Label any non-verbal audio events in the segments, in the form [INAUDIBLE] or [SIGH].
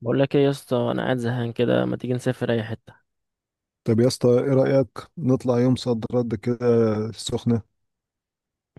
بقول لك ايه يا اسطى؟ انا قاعد زهقان كده، ما تيجي نسافر اي حته؟ طب يا اسطى ايه رأيك؟ نطلع يوم صد رد كده، السخنة.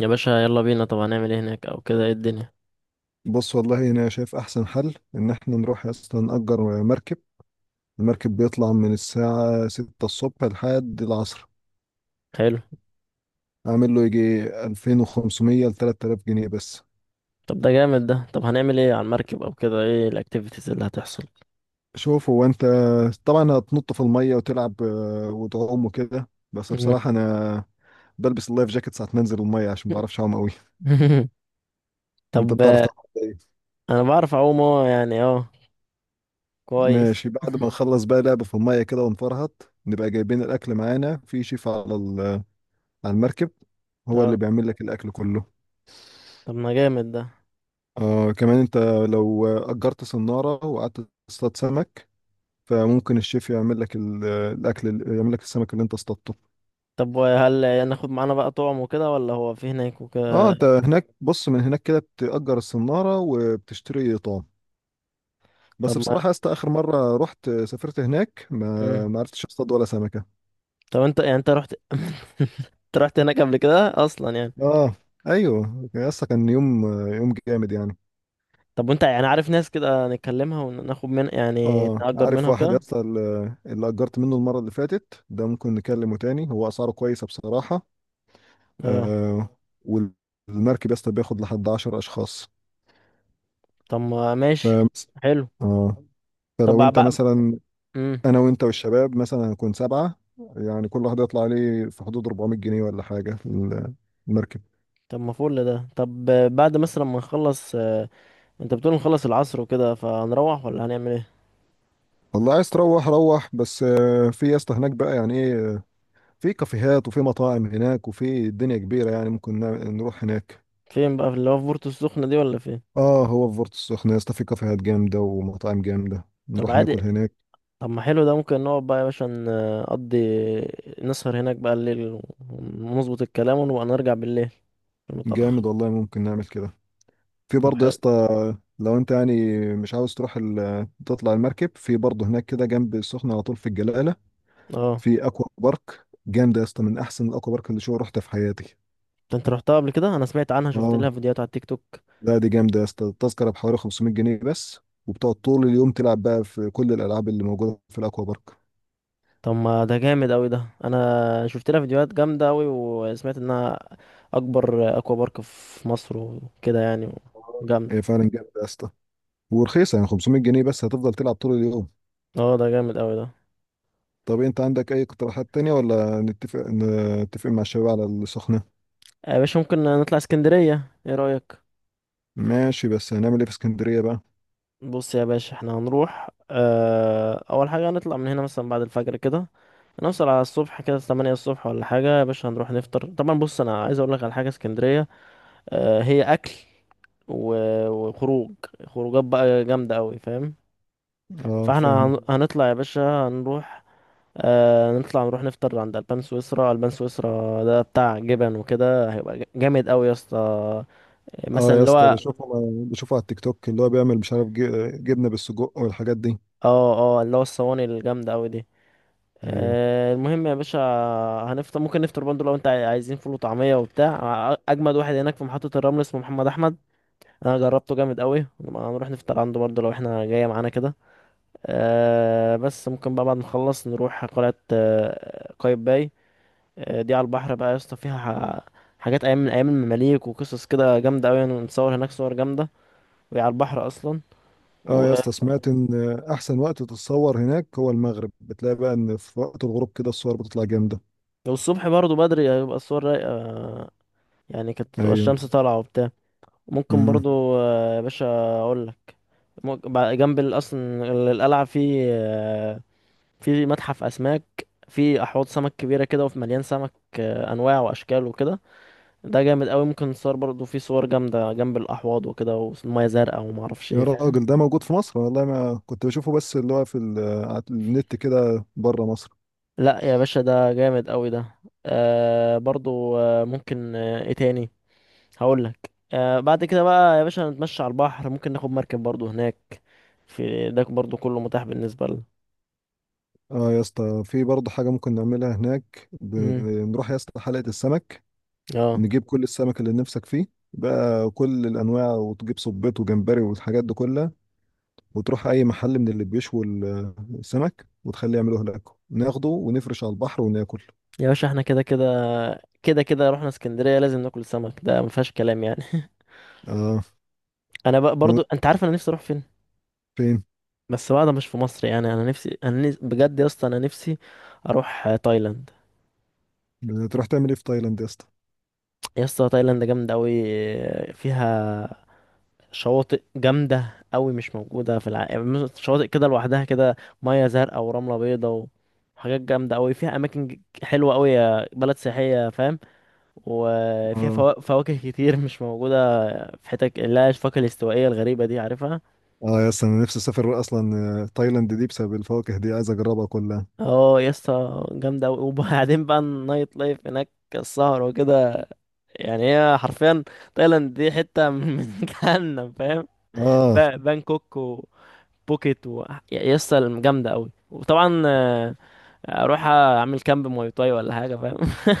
يا باشا يلا بينا. طب هنعمل ايه هناك او كده؟ ايه الدنيا؟ بص، والله انا شايف احسن حل ان احنا نروح يا اسطى نأجر مركب. المركب بيطلع من الساعة 6 الصبح لحد العصر. حلو. اعمل له يجي 2500 ل 3000 جنيه بس. طب ده جامد ده. طب هنعمل ايه على المركب او كده؟ ايه الاكتيفيتيز اللي هتحصل؟ شوف، هو انت طبعا هتنط في المية وتلعب وتعوم وكده، بس مم. بصراحة انا بلبس اللايف جاكيت ساعة ما انزل المية عشان ما بعرفش اعوم قوي. [LAUGHS] انت طب بتعرف تعوم؟ انا بعرف اعوم، اه يعني اه كويس. ماشي. بعد ما نخلص بقى لعب في المية كده ونفرهط، نبقى جايبين الأكل معانا، في شيف على على المركب هو اللي اه. بيعمل لك الأكل كله. طب ما جامد ده. آه، كمان أنت لو أجرت صنارة وقعدت تصطاد سمك، فممكن الشيف يعمل لك الأكل يعمل لك السمك اللي أنت اصطادته. طب وهل يعني ناخد معانا بقى طعم وكده، ولا هو في هناك اه، وكده؟ أنت هناك بص، من هناك كده بتأجر الصنارة وبتشتري طعم. طب بس ما. بصراحة يا اسطى آخر مرة رحت سافرت هناك ما مم. ما عرفتش اصطاد ولا سمكة. طب انت رحت [LAUGHS] انت رحت هناك قبل كده اصلا يعني؟ اه، ايوه يا اسطى، كان يوم، يوم جامد يعني. طب وانت يعني عارف ناس كده نتكلمها وناخد من، يعني اه، نأجر عارف منها واحد يا وكده؟ اسطى اللي اجرت منه المره اللي فاتت ده، ممكن نكلمه تاني، هو اسعاره كويسه بصراحه. اه. آه، والمركب يا اسطى بياخد لحد 10 اشخاص. طب ما ف، ماشي. حلو. اه، فلو طب انت بقى. مثلا امم انا وانت والشباب مثلا هنكون سبعه. يعني كل واحد يطلع عليه في حدود 400 جنيه ولا حاجه المركب. طب ما فل ده. طب بعد مثلا ما نخلص، انت بتقول نخلص العصر وكده، فهنروح ولا هنعمل ايه؟ والله عايز تروح روح، بس في يا اسطى هناك بقى يعني ايه، في كافيهات وفي مطاعم هناك، وفي الدنيا كبيره يعني ممكن نروح هناك. فين بقى؟ في اللي هو في بورتو السخنة دي ولا فين؟ اه، هو في بورتو السخنة يا اسطى في كافيهات جامدة ومطاعم جامدة، طب نروح عادي. ناكل هناك. طب ما حلو ده. ممكن نقعد بقى يا باشا، نقضي، نسهر هناك بقى الليل، ونظبط الكلام، ونبقى نرجع بالليل متأخر. جامد والله، ممكن نعمل كده. في طب برضه يا حلو. اسطى لو انت يعني مش عاوز تروح ال... تطلع المركب، في برضه هناك كده جنب السخنة على طول في الجلالة اه في اكوا بارك جامدة يا اسطى، من احسن الاكوا بارك اللي شو رحتها في حياتي. انت رحتها قبل كده؟ انا سمعت عنها، شفت اه، لها فيديوهات على التيك توك. لا دي جامدة يا اسطى، التذكرة بحوالي 500 جنيه بس، وبتقعد طول اليوم تلعب بقى في كل الالعاب اللي موجودة في الاكوا بارك. طب ما ده جامد قوي ده. انا شفت لها فيديوهات جامده قوي، وسمعت انها اكبر اكوا بارك في مصر وكده يعني. اه، جامد. هي فعلا جامدة يا اسطى، ورخيصة يعني، 500 جنيه بس هتفضل تلعب طول اليوم. اه ده جامد قوي ده. طب انت عندك اي اقتراحات تانية؟ ولا نتفق نتفق مع الشباب على السخنة؟ يا باشا ممكن نطلع اسكندريه، ايه رايك؟ ماشي، بس هنعمل ايه في اسكندرية بقى؟ بص يا باشا، احنا هنروح، اول حاجه هنطلع من هنا مثلا بعد الفجر كده، هنوصل على الصبح كده 8 الصبح ولا حاجه. يا باشا هنروح نفطر طبعا. بص انا عايز اقول لك على حاجه، اسكندريه اه هي اكل وخروج، خروجات بقى جامده قوي، فاهم؟ اه فاحنا فاهم. هنطلع يا باشا، هنروح، آه نطلع نروح نفطر عند البان سويسرا. البان سويسرا ده بتاع جبن وكده، هيبقى جامد قوي يا اسطى، اه مثلا يا اللي اسطى هو. بشوفه، بشوفه على التيك توك، اللي هو بيعمل مش عارف جبنة بالسجق والحاجات دي. اه اه، اللي هو الصواني الجامده قوي دي. ايوه. آه المهم يا باشا، هنفطر. ممكن نفطر برضه لو انت عايزين فول وطعميه وبتاع. اجمد واحد هناك في محطه الرمل اسمه محمد احمد، انا جربته جامد قوي. هنروح نفطر عنده برضه لو احنا جايه معانا كده. آه بس ممكن بقى بعد ما نخلص نروح قلعه قايتباي. دي على البحر بقى يا اسطى، فيها حاجات ايام من ايام المماليك، وقصص كده جامده قوي. نصور هناك صور جامده، وهي على البحر اصلا اه و... يا اسطى سمعت ان احسن وقت تتصور هناك هو المغرب، بتلاقي بقى ان في وقت الغروب كده الصور بتطلع جامدة. والصبح برضو بدري هيبقى الصور رايقه، يعني كانت تبقى ايوه. الشمس طالعه وبتاع. ممكن امم. برضو يا باشا اقول لك، ممكن بع- جنب ال- اصلا ال- القلعه في في متحف اسماك، في احواض سمك كبيره كده وفي مليان سمك، انواع واشكال وكده. ده جامد قوي. ممكن نصور برضو، في صور جامده جنب الاحواض وكده، والميه زرقاء وما اعرفش يا ايه، فاهم؟ راجل ده موجود في مصر؟ والله ما كنت بشوفه، بس اللي هو في على النت كده بره مصر. لا يا باشا ده جامد قوي ده. آه برضو، آه ممكن، آه ايه تاني هقول لك، آه بعد كده بقى يا باشا نتمشى على البحر. ممكن ناخد مركب برضو هناك، في ده برضو كله متاح بالنسبة لنا. اه يا اسطى، في برضه حاجة ممكن نعملها هناك، امم بنروح يا اسطى حلقة السمك، اه نجيب كل السمك اللي نفسك فيه بقى، كل الأنواع، وتجيب صبيط وجمبري والحاجات دي كلها، وتروح أي محل من اللي بيشوي السمك وتخليه يعملوه لك، ناخده ونفرش على البحر وناكل. يا باشا احنا كده كده، كده كده رحنا اسكندرية، لازم ناكل سمك ده ما فيهاش كلام يعني. [LAUGHS] اه. انا بقى برضو، انت عارف انا نفسي اروح فين؟ فين؟ بس بقى ده مش في مصر يعني. انا نفسي، بجد يا اسطى، انا نفسي اروح تايلاند. تروح تعمل ايه في تايلاند يا اسطى؟ يا اسطى تايلاند جامدة قوي، فيها شواطئ جامدة قوي مش موجودة في العالم، يعني شواطئ كده لوحدها كده، مية زرقاء ورملة بيضاء، وحاجات جامدة قوي. فيها أماكن حلوة قوي، بلد سياحية، فاهم؟ وفيها اه. فواكه كتير مش موجودة في حتت، اللي هي الفاكهة الاستوائية الغريبة دي، عارفها؟ اه يا اسطى انا نفسي اسافر اصلا، تايلاند دي بسبب الفواكه دي عايز اجربها كلها. اه يا اسطى جامدة قوي. [LAUGHS] وبعدين بقى النايت لايف هناك، السهر وكده. يعني هي حرفيا، تايلاند دي حتة من [LAUGHS] من جهنم، فاهم؟ اه. بانكوك، بوكيت، و يا اسطى جامده قوي. وطبعا اروح اعمل كامب مواي تاي ولا حاجه، فاهم؟ [LAUGHS]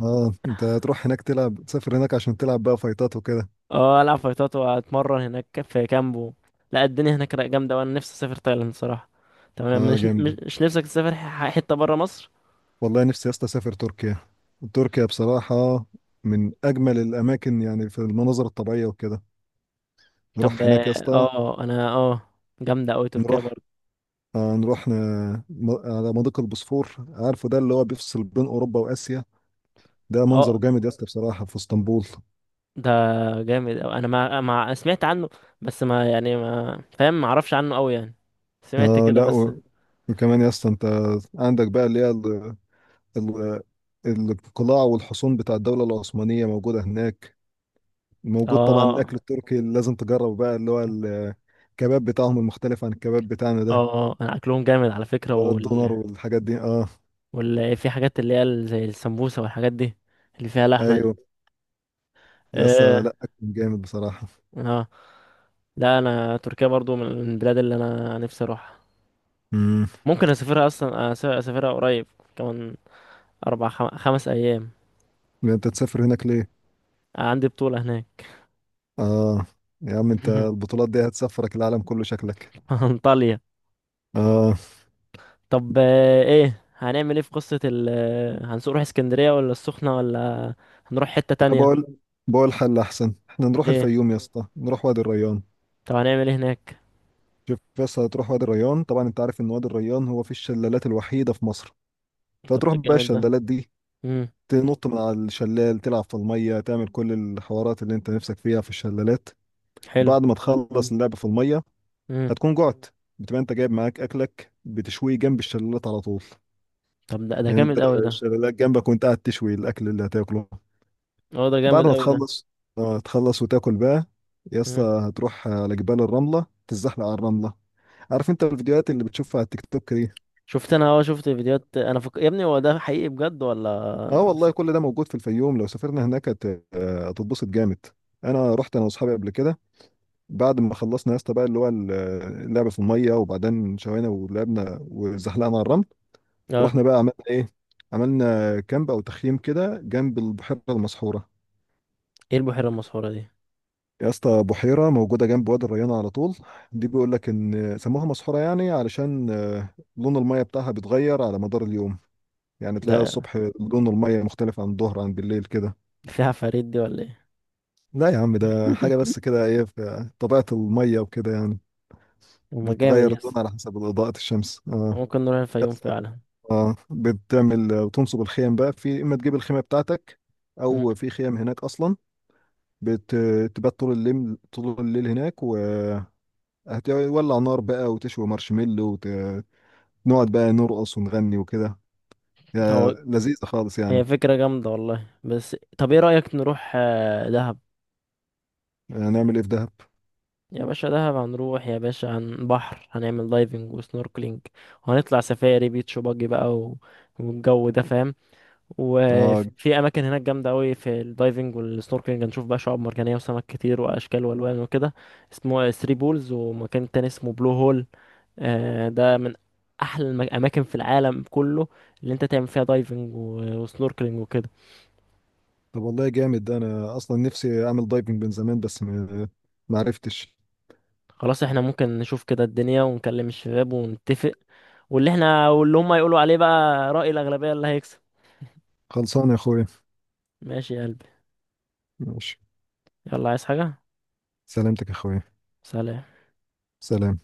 اه، انت هتروح هناك تلعب، تسافر هناك عشان تلعب بقى فايتات وكده؟ اه العب فايتات واتمرن هناك في كامبو. لا الدنيا هناك رايقة جامده، وانا نفسي اسافر تايلاند صراحه. تمام. اه، مش مش جامد. مش نفسك تسافر حته بره مصر؟ والله نفسي يا اسطى اسافر تركيا. تركيا بصراحه من اجمل الاماكن يعني في المناظر الطبيعيه وكده. طب نروح اه. هناك يا اسطى. انا جامده قوي تركيا نروح برضه. آه نروح ن... م... على مضيق البوسفور، عارفه ده اللي هو بيفصل بين اوروبا واسيا؟ ده منظره اه جامد يا اسطى بصراحه في اسطنبول. ده جامد أوي. انا ما ما أنا سمعت عنه، بس ما يعني ما فاهم، ما اعرفش عنه قوي يعني، سمعت آه كده لا بس. و... وكمان يا اسطى انت عندك بقى اللي هي ال... ال... القلاع والحصون بتاع الدوله العثمانيه موجوده هناك. موجود طبعا اه. الاكل التركي اللي لازم تجربه بقى، اللي هو الكباب بتاعهم المختلف عن الكباب بتاعنا ده، اه انا اكلهم جامد على فكره. بقى الدونر والحاجات دي. اه، ولا في حاجات اللي هي زي السمبوسة والحاجات دي، اللي فيها لحمة دي. ايوه [LAUGHS] يا اسطى، اه. لا اكل جامد بصراحه. اه، لا انا تركيا برضو من البلاد اللي انا نفسي اروحها. امم. ممكن اسافرها اصلا، اسافرها قريب، كمان 5 أيام. انت تسافر هناك ليه؟ عندي بطولة هناك. اه، يا عم انت [LAUGHS] البطولات دي هتسافرك العالم كله شكلك. انطاليا. اه. طب ايه، هنعمل ايه في قصة ال هنسوق نروح اسكندرية ولا السخنة، ولا هنروح حتة انا تانية؟ بقول بقول حل احسن، احنا نروح ايه؟ الفيوم يا اسطى، نروح وادي الريان. طب هنعمل ايه هناك؟ شوف بس، هتروح وادي الريان طبعا، انت عارف ان وادي الريان هو في الشلالات الوحيده في مصر، طب فتروح ده بقى جامد ده. الشلالات دي، امم تنط من على الشلال، تلعب في المية، تعمل كل الحوارات اللي انت نفسك فيها في الشلالات. حلو. بعد ما تخلص اللعب في المية امم هتكون جعت، بتبقى انت جايب معاك اكلك، بتشويه جنب الشلالات على طول. طب ده يعني انت جامد قوي ده. الشلالات جنبك، وانت قاعد تشوي الاكل اللي هتاكله. اه ده بعد جامد ما قوي تخلص، اه تخلص وتاكل بقى، يا اسطى ده. هتروح على جبال الرملة، تتزحلق على الرملة. عارف انت الفيديوهات اللي بتشوفها على التيك توك دي؟ شفت، انا اه شفت فيديوهات. انا يا ابني هو ده حقيقي بجد اه ولا؟ والله، كل ده موجود في الفيوم، لو سافرنا هناك هتتبسط جامد. انا رحت انا واصحابي قبل كده، بعد ما خلصنا يا اسطى بقى اللي هو اللعبه في الميه، وبعدين شوينا ولعبنا وزحلقنا على الرمل، اه. رحنا بقى عملنا ايه؟ عملنا كامب او تخييم كده جنب البحيره المسحوره. ايه البحيرة المسحورة دي؟ يا اسطى بحيره موجوده جنب وادي الريان على طول، دي بيقول لك ان سموها مسحوره يعني علشان لون الميه بتاعها بيتغير على مدار اليوم. يعني تلاقي ده الصبح لون الميه مختلف عن الظهر عن بالليل كده. فيها عفاريت دي ولا ايه؟ لا يا عم، ده حاجه بس [LAUGHS] كده، ايه في طبيعه الميه وكده يعني، هما جامد بتغير يس. لونها على حسب اضاءه الشمس. اه. ممكن نروح الفيوم يس. فعلا. اه، بتعمل بتنصب الخيم بقى، في اما تجيب الخيمه بتاعتك او مم. في خيم هناك اصلا، بتبات طول الليل، طول الليل هناك، وهتولع نار بقى وتشوي مارشميلو، ونقعد بقى نرقص ونغني وكده، يا هو لذيذه خالص هي يعني. فكرة جامدة والله. بس طب ايه رأيك نروح دهب؟ هنعمل ايه في دهب؟ يا باشا دهب هنروح يا باشا عن بحر، هنعمل دايفنج وسنوركلينج، وهنطلع سفاري بيتش باجي بقى، والجو ده، فاهم؟ اه. وفي اماكن هناك جامده قوي في الدايفنج والسنوركلينج، هنشوف بقى شعاب مرجانيه وسمك كتير واشكال والوان وكده. اسمه ثري بولز، ومكان تاني اسمه بلو هول. ده من احلى الاماكن في العالم كله اللي انت تعمل فيها دايفنج وسنوركلينج وكده. طب والله جامد ده، انا اصلا نفسي اعمل دايفنج من زمان، بس ما عرفتش. خلاص، احنا ممكن نشوف كده الدنيا، ونكلم الشباب ونتفق، واللي احنا واللي هم يقولوا عليه بقى، رأي الأغلبية اللي هيكسب. خلصان يا اخويا. ماشي يا قلبي. ماشي. يلا عايز حاجة؟ سلامتك يا اخويا. سلام سلام.